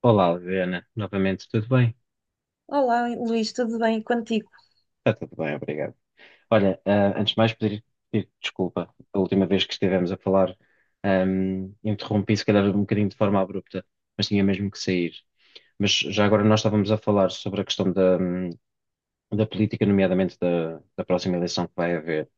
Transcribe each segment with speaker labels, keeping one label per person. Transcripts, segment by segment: Speaker 1: Olá, Adriana. Novamente, tudo bem?
Speaker 2: Olá, Luís, tudo bem contigo?
Speaker 1: Está tudo bem, obrigado. Olha, antes de mais, pedir desculpa. A última vez que estivemos a falar, interrompi, se calhar, um bocadinho de forma abrupta, mas tinha mesmo que sair. Mas já agora nós estávamos a falar sobre a questão da política, nomeadamente da próxima eleição que vai haver.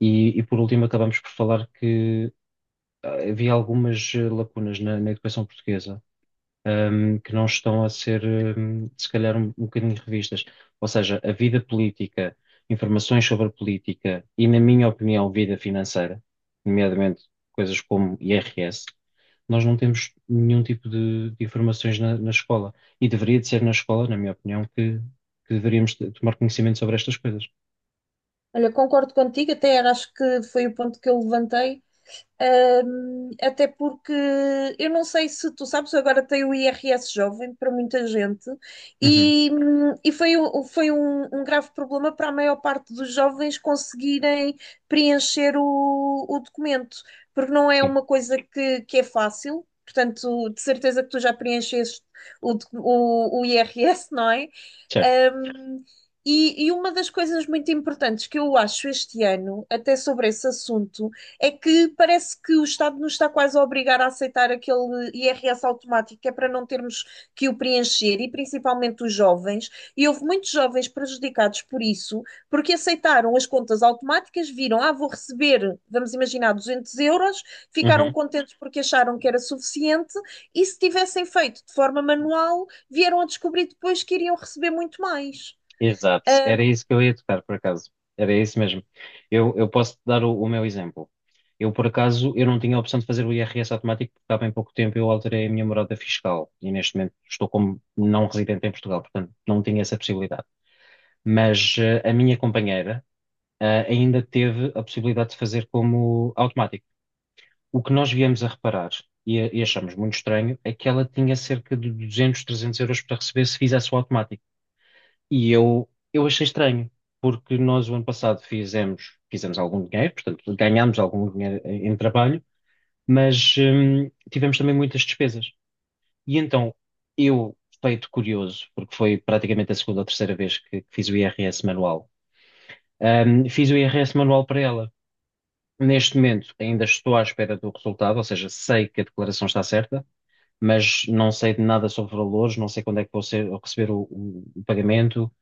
Speaker 1: Por último, acabamos por falar que havia algumas lacunas na educação portuguesa, que não estão a ser, se calhar, um bocadinho revistas. Ou seja, a vida política, informações sobre a política e, na minha opinião, vida financeira, nomeadamente coisas como IRS. Nós não temos nenhum tipo de informações na escola. E deveria de ser na escola, na minha opinião, que tomar conhecimento sobre estas coisas.
Speaker 2: Olha, concordo contigo, até era, acho que foi o ponto que eu levantei, até porque eu não sei se tu sabes, agora tem o IRS jovem para muita gente
Speaker 1: Uhum.
Speaker 2: e foi, foi um grave problema para a maior parte dos jovens conseguirem preencher o documento, porque não é
Speaker 1: Sim.
Speaker 2: uma coisa que é fácil, portanto, de certeza que tu já preencheste o, docu- o IRS, não é?
Speaker 1: Certo.
Speaker 2: Um, e uma das coisas muito importantes que eu acho este ano, até sobre esse assunto, é que parece que o Estado nos está quase a obrigar a aceitar aquele IRS automático, que é para não termos que o preencher, e principalmente os jovens. E houve muitos jovens prejudicados por isso, porque aceitaram as contas automáticas, viram, vou receber, vamos imaginar, 200 euros, ficaram
Speaker 1: Uhum.
Speaker 2: contentes porque acharam que era suficiente, e se tivessem feito de forma manual vieram a descobrir depois que iriam receber muito mais.
Speaker 1: Exato,
Speaker 2: Ah,
Speaker 1: era isso que eu ia tocar, por acaso. Era isso mesmo. Eu posso te dar o meu exemplo. Eu, por acaso, eu não tinha a opção de fazer o IRS automático, porque há bem pouco tempo eu alterei a minha morada fiscal e neste momento estou como não residente em Portugal, portanto não tinha essa possibilidade. Mas a minha companheira ainda teve a possibilidade de fazer como automático. O que nós viemos a reparar e achamos muito estranho é que ela tinha cerca de 200, 300€ para receber se fizesse o automático. E eu achei estranho, porque nós o ano passado fizemos algum dinheiro, portanto, ganhámos algum dinheiro em trabalho, mas tivemos também muitas despesas. E então, eu, feito curioso, porque foi praticamente a segunda ou terceira vez que fiz o IRS manual. Fiz o IRS manual para ela. Neste momento, ainda estou à espera do resultado, ou seja, sei que a declaração está certa, mas não sei de nada sobre valores, não sei quando é que vou receber o pagamento,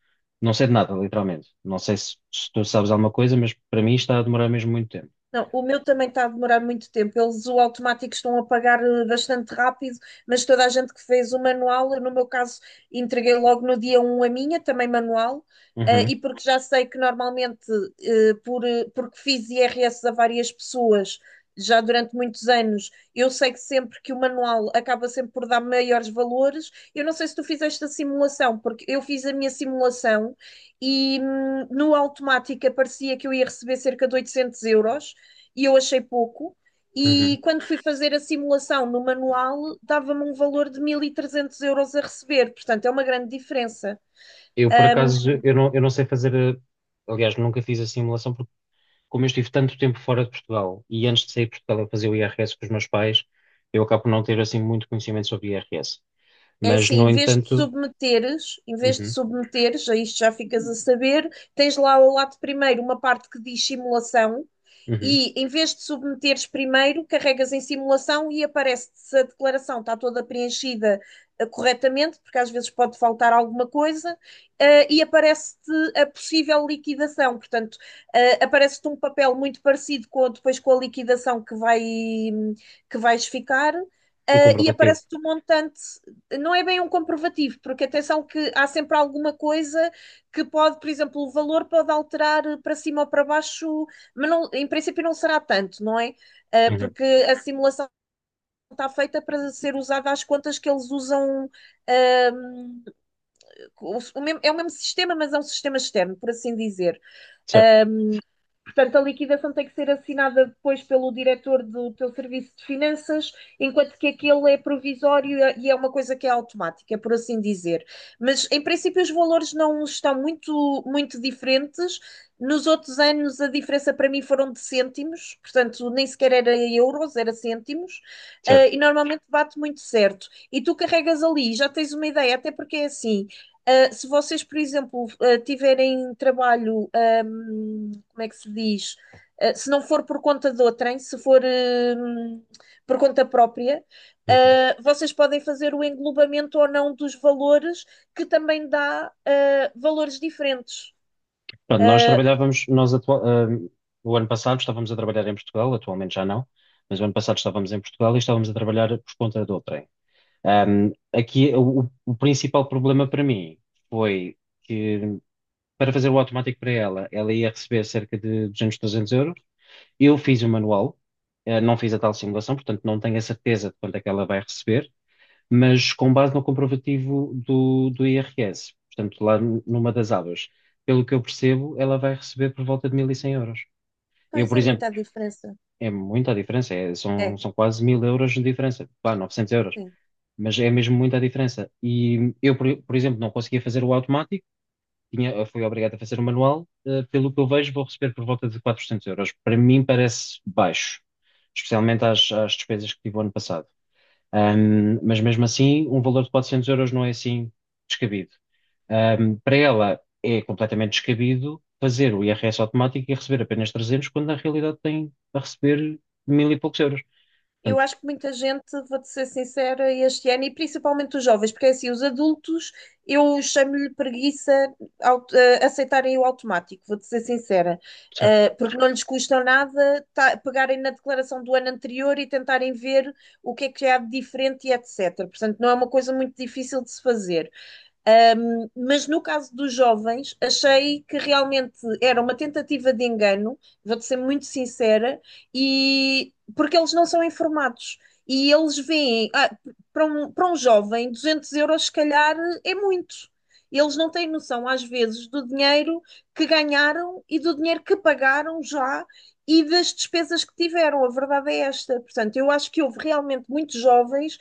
Speaker 1: não sei de nada, literalmente. Não sei se tu sabes alguma coisa, mas para mim está a demorar mesmo muito tempo.
Speaker 2: não, o meu também está a demorar muito tempo. Eles o automático estão a pagar bastante rápido, mas toda a gente que fez o manual, eu, no meu caso, entreguei logo no dia um a minha, também manual,
Speaker 1: Uhum.
Speaker 2: e porque já sei que normalmente, porque fiz IRS a várias pessoas já durante muitos anos, eu sei que sempre que o manual acaba sempre por dar maiores valores. Eu não sei se tu fizeste a simulação, porque eu fiz a minha simulação e no automático aparecia que eu ia receber cerca de 800 € e eu achei pouco.
Speaker 1: Uhum.
Speaker 2: E quando fui fazer a simulação no manual, dava-me um valor de 1300 € a receber, portanto é uma grande diferença.
Speaker 1: Eu, por
Speaker 2: Ahm,
Speaker 1: acaso, eu não sei fazer, aliás, nunca fiz a simulação, porque como eu estive tanto tempo fora de Portugal e antes de sair de Portugal eu fazia o IRS com os meus pais, eu acabo por não ter assim muito conhecimento sobre IRS.
Speaker 2: É
Speaker 1: Mas,
Speaker 2: assim,
Speaker 1: no entanto,
Speaker 2: em vez de
Speaker 1: uhum.
Speaker 2: submeteres, a isto já ficas a saber, tens lá ao lado primeiro uma parte que diz simulação.
Speaker 1: Uhum.
Speaker 2: E em vez de submeteres primeiro, carregas em simulação e aparece-te se a declaração está toda preenchida corretamente, porque às vezes pode faltar alguma coisa, e aparece-te a possível liquidação. Portanto, aparece-te um papel muito parecido com, depois com a liquidação que vais ficar.
Speaker 1: O
Speaker 2: E
Speaker 1: comprovativo.
Speaker 2: aparece-te um montante, não é bem um comprovativo, porque atenção que há sempre alguma coisa que pode, por exemplo, o valor pode alterar para cima ou para baixo, mas não, em princípio não será tanto, não é?
Speaker 1: Uhum.
Speaker 2: Porque a simulação está feita para ser usada às contas que eles usam. O mesmo, é o mesmo sistema, mas é um sistema externo, por assim dizer.
Speaker 1: Certo.
Speaker 2: Portanto, a liquidação tem que ser assinada depois pelo diretor do teu serviço de finanças, enquanto que aquele é provisório e é uma coisa que é automática, por assim dizer. Mas, em princípio, os valores não estão muito, muito diferentes. Nos outros anos, a diferença para mim foram de cêntimos, portanto, nem sequer era euros, era cêntimos,
Speaker 1: Certo.
Speaker 2: e normalmente bate muito certo. E tu carregas ali, já tens uma ideia, até porque é assim, se vocês, por exemplo, tiverem trabalho, como é que se diz? Se não for por conta de outrem, se for por conta própria,
Speaker 1: Uhum.
Speaker 2: vocês podem fazer o englobamento ou não dos valores, que também dá valores diferentes.
Speaker 1: Pronto, nós
Speaker 2: Uh,
Speaker 1: trabalhávamos, o ano passado estávamos a trabalhar em Portugal, atualmente já não, mas o ano passado estávamos em Portugal e estávamos a trabalhar por conta de outrem. Aqui o principal problema para mim foi que para fazer o automático para ela, ela ia receber cerca de 200, 300€. Eu fiz o manual, não fiz a tal simulação, portanto não tenho a certeza de quanto é que ela vai receber, mas com base no comprovativo do IRS, portanto, lá numa das abas. Pelo que eu percebo, ela vai receber por volta de 1.100 euros. Eu,
Speaker 2: Pois
Speaker 1: por
Speaker 2: é,
Speaker 1: exemplo,
Speaker 2: muita diferença.
Speaker 1: é muita a diferença, são,
Speaker 2: É,
Speaker 1: são quase 1.000 euros de diferença, pá, 900 euros,
Speaker 2: sim.
Speaker 1: mas é mesmo muita a diferença. E eu, por exemplo, não conseguia fazer o automático, fui obrigado a fazer o manual. Pelo que eu vejo, vou receber por volta de 400 euros. Para mim parece baixo, especialmente às despesas que tive o ano passado. Mas mesmo assim, um valor de 400€ não é assim descabido. Para ela é completamente descabido fazer o IRS automático e receber apenas 300, quando na realidade tem a receber mil e poucos euros.
Speaker 2: Eu
Speaker 1: Portanto.
Speaker 2: acho que muita gente, vou-te ser sincera, este ano, e principalmente os jovens, porque é assim, os adultos, eu chamo-lhe preguiça aceitarem o automático, vou-te ser sincera.
Speaker 1: Certo.
Speaker 2: Porque não lhes custa nada pegarem na declaração do ano anterior e tentarem ver o que é que há de diferente e etc. Portanto, não é uma coisa muito difícil de se fazer. Mas no caso dos jovens, achei que realmente era uma tentativa de engano, vou-te ser muito sincera, e porque eles não são informados. E eles veem, para um jovem, 200 € se calhar é muito. Eles não têm noção, às vezes, do dinheiro que ganharam e do dinheiro que pagaram já e das despesas que tiveram. A verdade é esta. Portanto, eu acho que houve realmente muitos jovens.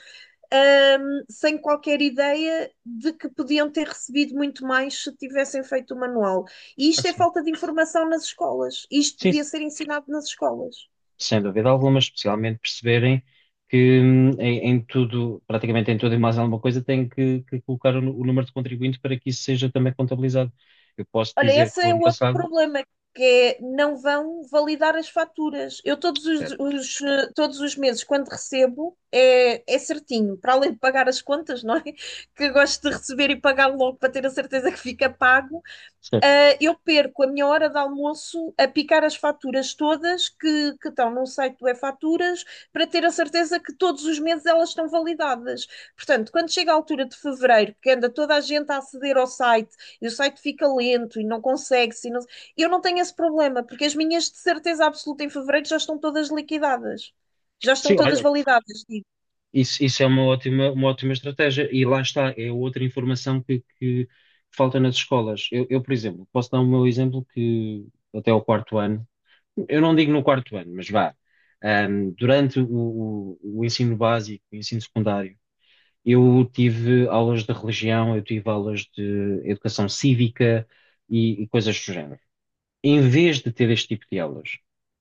Speaker 2: Um, Sem qualquer ideia de que podiam ter recebido muito mais se tivessem feito o manual. E isto é
Speaker 1: Assim.
Speaker 2: falta de informação nas escolas. Isto
Speaker 1: Sim,
Speaker 2: devia ser ensinado nas escolas.
Speaker 1: sem dúvida alguma, mas especialmente perceberem que, em tudo, praticamente em tudo e mais alguma coisa, tem que colocar o número de contribuinte para que isso seja também contabilizado. Eu posso
Speaker 2: Olha,
Speaker 1: dizer que
Speaker 2: esse
Speaker 1: o
Speaker 2: é o
Speaker 1: ano
Speaker 2: outro
Speaker 1: passado...
Speaker 2: problema, que é não vão validar as faturas. Eu
Speaker 1: Certo.
Speaker 2: todos os meses, quando recebo, é certinho, para além de pagar as contas, não é? Que eu gosto de receber e pagar logo para ter a certeza que fica pago.
Speaker 1: Certo.
Speaker 2: Ah, eu perco a minha hora de almoço a picar as faturas todas que estão no site do E-Faturas para ter a certeza que todos os meses elas estão validadas. Portanto, quando chega a altura de fevereiro, que anda toda a gente a aceder ao site e o site fica lento e não consegue, se não- eu não tenho esse problema, porque as minhas de certeza absoluta em fevereiro já estão todas liquidadas, já estão
Speaker 1: Sim,
Speaker 2: todas
Speaker 1: olha,
Speaker 2: validadas.
Speaker 1: isso é uma ótima estratégia. E lá está, é outra informação que falta nas escolas. Por exemplo, posso dar o meu exemplo que até o quarto ano, eu não digo no quarto ano, mas vá, durante o ensino básico, o ensino secundário, eu tive aulas de religião, eu tive aulas de educação cívica e coisas do género. Em vez de ter este tipo de aulas,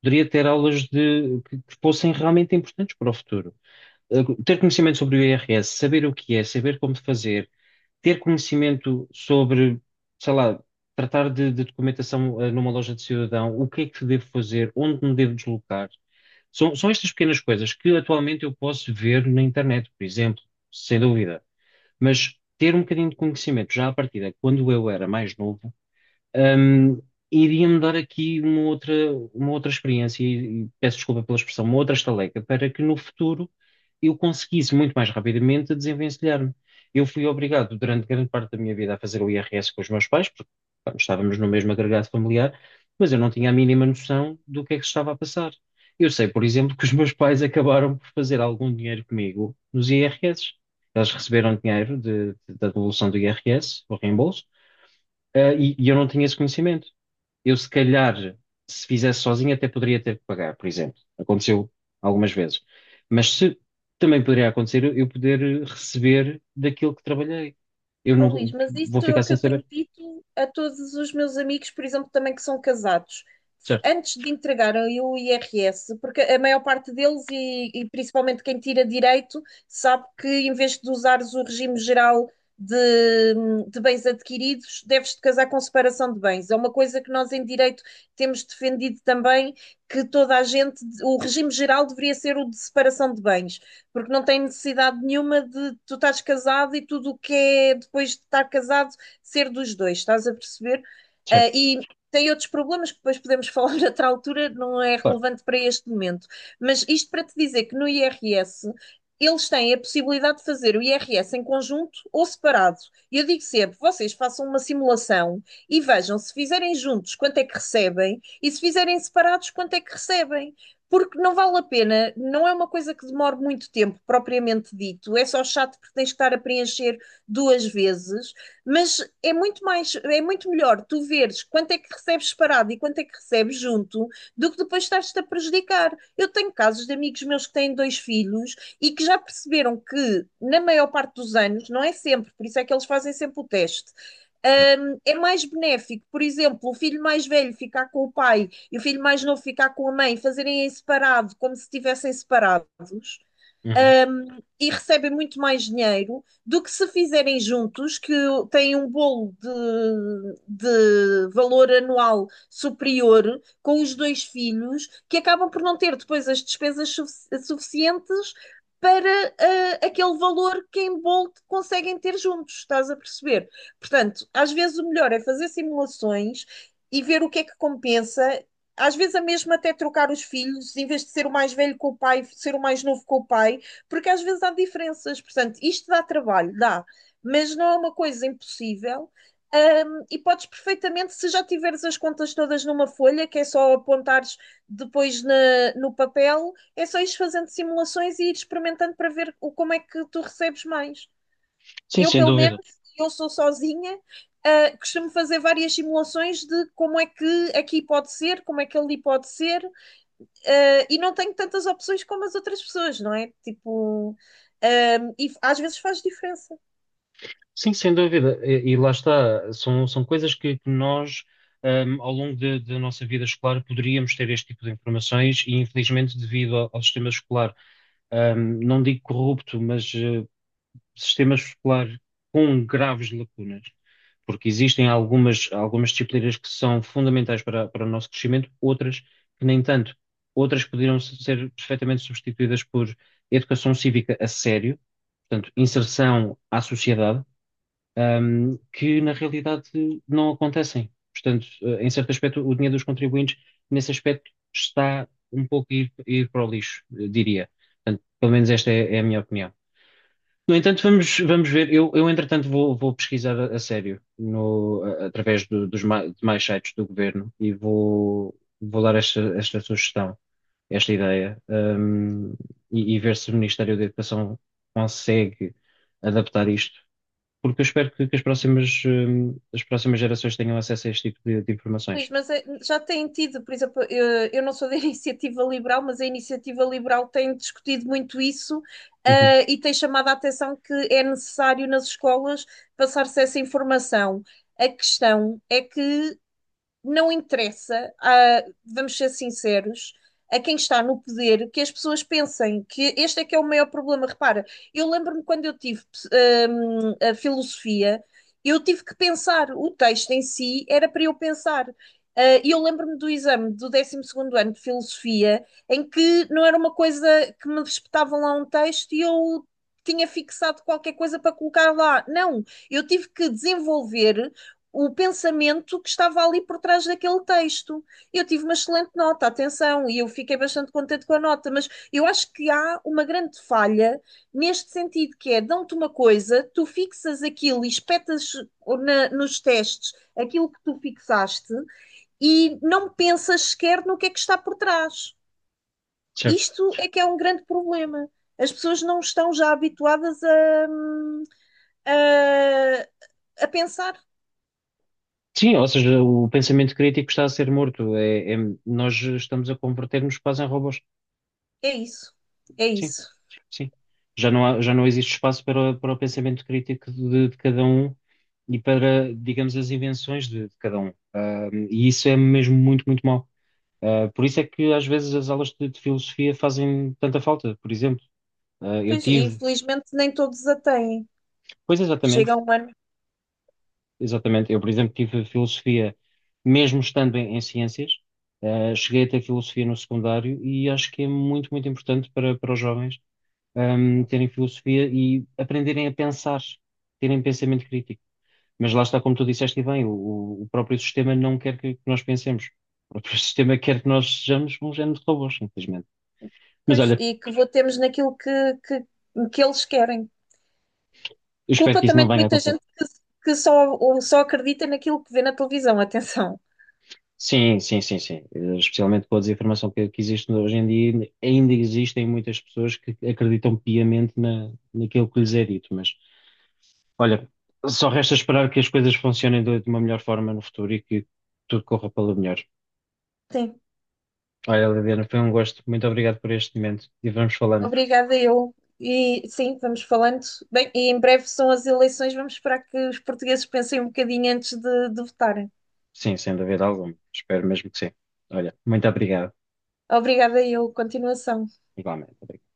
Speaker 1: poderia ter aulas de, que fossem realmente importantes para o futuro. Ter conhecimento sobre o IRS, saber o que é, saber como fazer, ter conhecimento sobre, sei lá, tratar de documentação, numa loja de cidadão, o que é que devo fazer, onde me devo deslocar. São estas pequenas coisas que atualmente eu posso ver na internet, por exemplo, sem dúvida. Mas ter um bocadinho de conhecimento já à partida, quando eu era mais novo, um, iria-me dar aqui uma outra experiência, e peço desculpa pela expressão, uma outra estaleca, para que no futuro eu conseguisse muito mais rapidamente desenvencilhar-me. Eu fui obrigado durante grande parte da minha vida a fazer o IRS com os meus pais, porque pá, estávamos no mesmo agregado familiar, mas eu não tinha a mínima noção do que é que se estava a passar. Eu sei, por exemplo, que os meus pais acabaram por fazer algum dinheiro comigo nos IRS. Eles receberam dinheiro da devolução do IRS, o reembolso. E eu não tinha esse conhecimento. Eu, se calhar, se fizesse sozinho, até poderia ter que pagar, por exemplo. Aconteceu algumas vezes. Mas se também poderia acontecer eu poder receber daquilo que trabalhei. Eu
Speaker 2: Oh, Luís,
Speaker 1: não
Speaker 2: mas
Speaker 1: vou
Speaker 2: isso é
Speaker 1: ficar
Speaker 2: o que
Speaker 1: sem
Speaker 2: eu tenho
Speaker 1: saber.
Speaker 2: dito a todos os meus amigos, por exemplo, também que são casados.
Speaker 1: Certo.
Speaker 2: Antes de entregarem o IRS, porque a maior parte deles, e principalmente quem tira direito, sabe que em vez de usares o regime geral de, de bens adquiridos, deves-te casar com separação de bens. É uma coisa que nós em direito temos defendido também, que toda a gente, o regime geral deveria ser o de separação de bens porque não tem necessidade nenhuma de tu estás casado e tudo o que é depois de estar casado ser dos dois, estás a perceber? Ah,
Speaker 1: Certo.
Speaker 2: e tem outros problemas que depois podemos falar noutra altura, não é
Speaker 1: Claro.
Speaker 2: relevante para este momento. Mas isto para te dizer que no IRS eles têm a possibilidade de fazer o IRS em conjunto ou separado. E eu digo sempre: vocês façam uma simulação e vejam se fizerem juntos quanto é que recebem e se fizerem separados quanto é que recebem. Porque não vale a pena, não é uma coisa que demore muito tempo, propriamente dito. É só chato porque tens que estar a preencher duas vezes, mas é muito mais, é muito melhor tu veres quanto é que recebes separado e quanto é que recebes junto do que depois estás-te a prejudicar. Eu tenho casos de amigos meus que têm dois filhos e que já perceberam que, na maior parte dos anos, não é sempre, por isso é que eles fazem sempre o teste.
Speaker 1: Certo.
Speaker 2: É mais benéfico, por exemplo, o filho mais velho ficar com o pai e o filho mais novo ficar com a mãe, fazerem em separado, como se estivessem separados,
Speaker 1: Uhum.
Speaker 2: e recebem muito mais dinheiro do que se fizerem juntos, que têm um bolo de valor anual superior com os dois filhos, que acabam por não ter depois as despesas suficientes para aquele valor que em bolo conseguem ter juntos, estás a perceber? Portanto, às vezes o melhor é fazer simulações e ver o que é que compensa. Às vezes, a mesma até trocar os filhos, em vez de ser o mais velho com o pai, ser o mais novo com o pai, porque às vezes há diferenças. Portanto, isto dá trabalho, dá, mas não é uma coisa impossível. E podes perfeitamente, se já tiveres as contas todas numa folha, que é só apontares depois no papel, é só ires fazendo simulações e ir experimentando para ver como é que tu recebes mais.
Speaker 1: Sim,
Speaker 2: Eu,
Speaker 1: sem
Speaker 2: pelo menos,
Speaker 1: dúvida.
Speaker 2: eu sou sozinha, costumo fazer várias simulações de como é que aqui pode ser, como é que ali pode ser, e não tenho tantas opções como as outras pessoas, não é? Tipo, e às vezes faz diferença.
Speaker 1: Sim, sem dúvida. E lá está, são, são coisas que nós, ao longo da nossa vida escolar, poderíamos ter este tipo de informações e, infelizmente, devido ao sistema escolar, não digo corrupto, mas sistema escolar com graves lacunas, porque existem algumas, algumas disciplinas que são fundamentais para o nosso crescimento, outras que nem tanto. Outras poderiam ser perfeitamente substituídas por educação cívica a sério, portanto, inserção à sociedade, que na realidade não acontecem. Portanto, em certo aspecto, o dinheiro dos contribuintes, nesse aspecto, está um pouco a ir para o lixo, eu diria. Portanto, pelo menos esta é a minha opinião. No entanto, vamos ver. Entretanto, vou pesquisar a sério no, a- através do- dos ma- demais sites do governo e vou dar esta, esta sugestão, esta ideia, e ver se o Ministério da Educação consegue adaptar isto, porque eu espero que as próximas gerações tenham acesso a este tipo de
Speaker 2: Luís,
Speaker 1: informações.
Speaker 2: mas já têm tido, por exemplo, eu não sou da iniciativa liberal, mas a iniciativa liberal tem discutido muito isso,
Speaker 1: Uhum.
Speaker 2: e tem chamado a atenção que é necessário nas escolas passar-se essa informação. A questão é que não interessa, vamos ser sinceros, a quem está no poder que as pessoas pensem que este é que é o maior problema. Repara, eu lembro-me quando eu tive a filosofia, eu tive que pensar, o texto em si era para eu pensar. Ah, e eu lembro-me do exame do décimo segundo ano de filosofia, em que não era uma coisa que me espetavam lá um texto e eu tinha fixado qualquer coisa para colocar lá. Não, eu tive que desenvolver o pensamento que estava ali por trás daquele texto. Eu tive uma excelente nota, atenção, e eu fiquei bastante contente com a nota, mas eu acho que há uma grande falha neste sentido, que é, dão-te uma coisa, tu fixas aquilo e espetas nos testes aquilo que tu fixaste e não pensas sequer no que é que está por trás.
Speaker 1: Certo.
Speaker 2: Isto é que é um grande problema. As pessoas não estão já habituadas a, a pensar.
Speaker 1: Sim, ou seja, o pensamento crítico está a ser morto. Nós estamos a converter-nos quase em robôs.
Speaker 2: É isso. É
Speaker 1: Sim.
Speaker 2: isso.
Speaker 1: Sim. Já já não existe espaço para, para o pensamento crítico de cada um e para, digamos, as invenções de cada um. E isso é mesmo muito, muito mau. Por isso é que às vezes as aulas de filosofia fazem tanta falta, por exemplo. Eu
Speaker 2: Pois, e
Speaker 1: tive...
Speaker 2: infelizmente nem todos a têm.
Speaker 1: Pois, exatamente.
Speaker 2: Chega um ano.
Speaker 1: Exatamente. Eu, por exemplo, tive filosofia, mesmo estando em ciências. Cheguei a ter filosofia no secundário e acho que é muito, muito importante para os jovens, terem filosofia e aprenderem a pensar, terem pensamento crítico. Mas lá está, como tu disseste e bem, o próprio sistema não quer que nós pensemos. O próprio sistema quer que nós sejamos um género de robôs, simplesmente. Mas
Speaker 2: Pois,
Speaker 1: olha,
Speaker 2: e que votemos naquilo que, que eles querem.
Speaker 1: eu espero
Speaker 2: Culpa
Speaker 1: que isso
Speaker 2: também
Speaker 1: não
Speaker 2: de
Speaker 1: venha a
Speaker 2: muita
Speaker 1: acontecer.
Speaker 2: gente que ou só acredita naquilo que vê na televisão, atenção.
Speaker 1: Sim, sim, sim, sim. Especialmente com a desinformação que existe hoje em dia, ainda existem muitas pessoas que acreditam piamente naquilo que lhes é dito. Mas, olha, só resta esperar que as coisas funcionem de uma melhor forma no futuro e que tudo corra pelo melhor.
Speaker 2: Sim,
Speaker 1: Olha, Liliana, foi um gosto. Muito obrigado por este momento e vamos falando.
Speaker 2: obrigada eu. E sim, vamos falando. Bem, e em breve são as eleições, vamos esperar que os portugueses pensem um bocadinho antes de votarem.
Speaker 1: Sim, sem dúvida alguma. Espero mesmo que sim. Olha, muito obrigado.
Speaker 2: Obrigada eu. Continuação.
Speaker 1: Igualmente. Obrigado.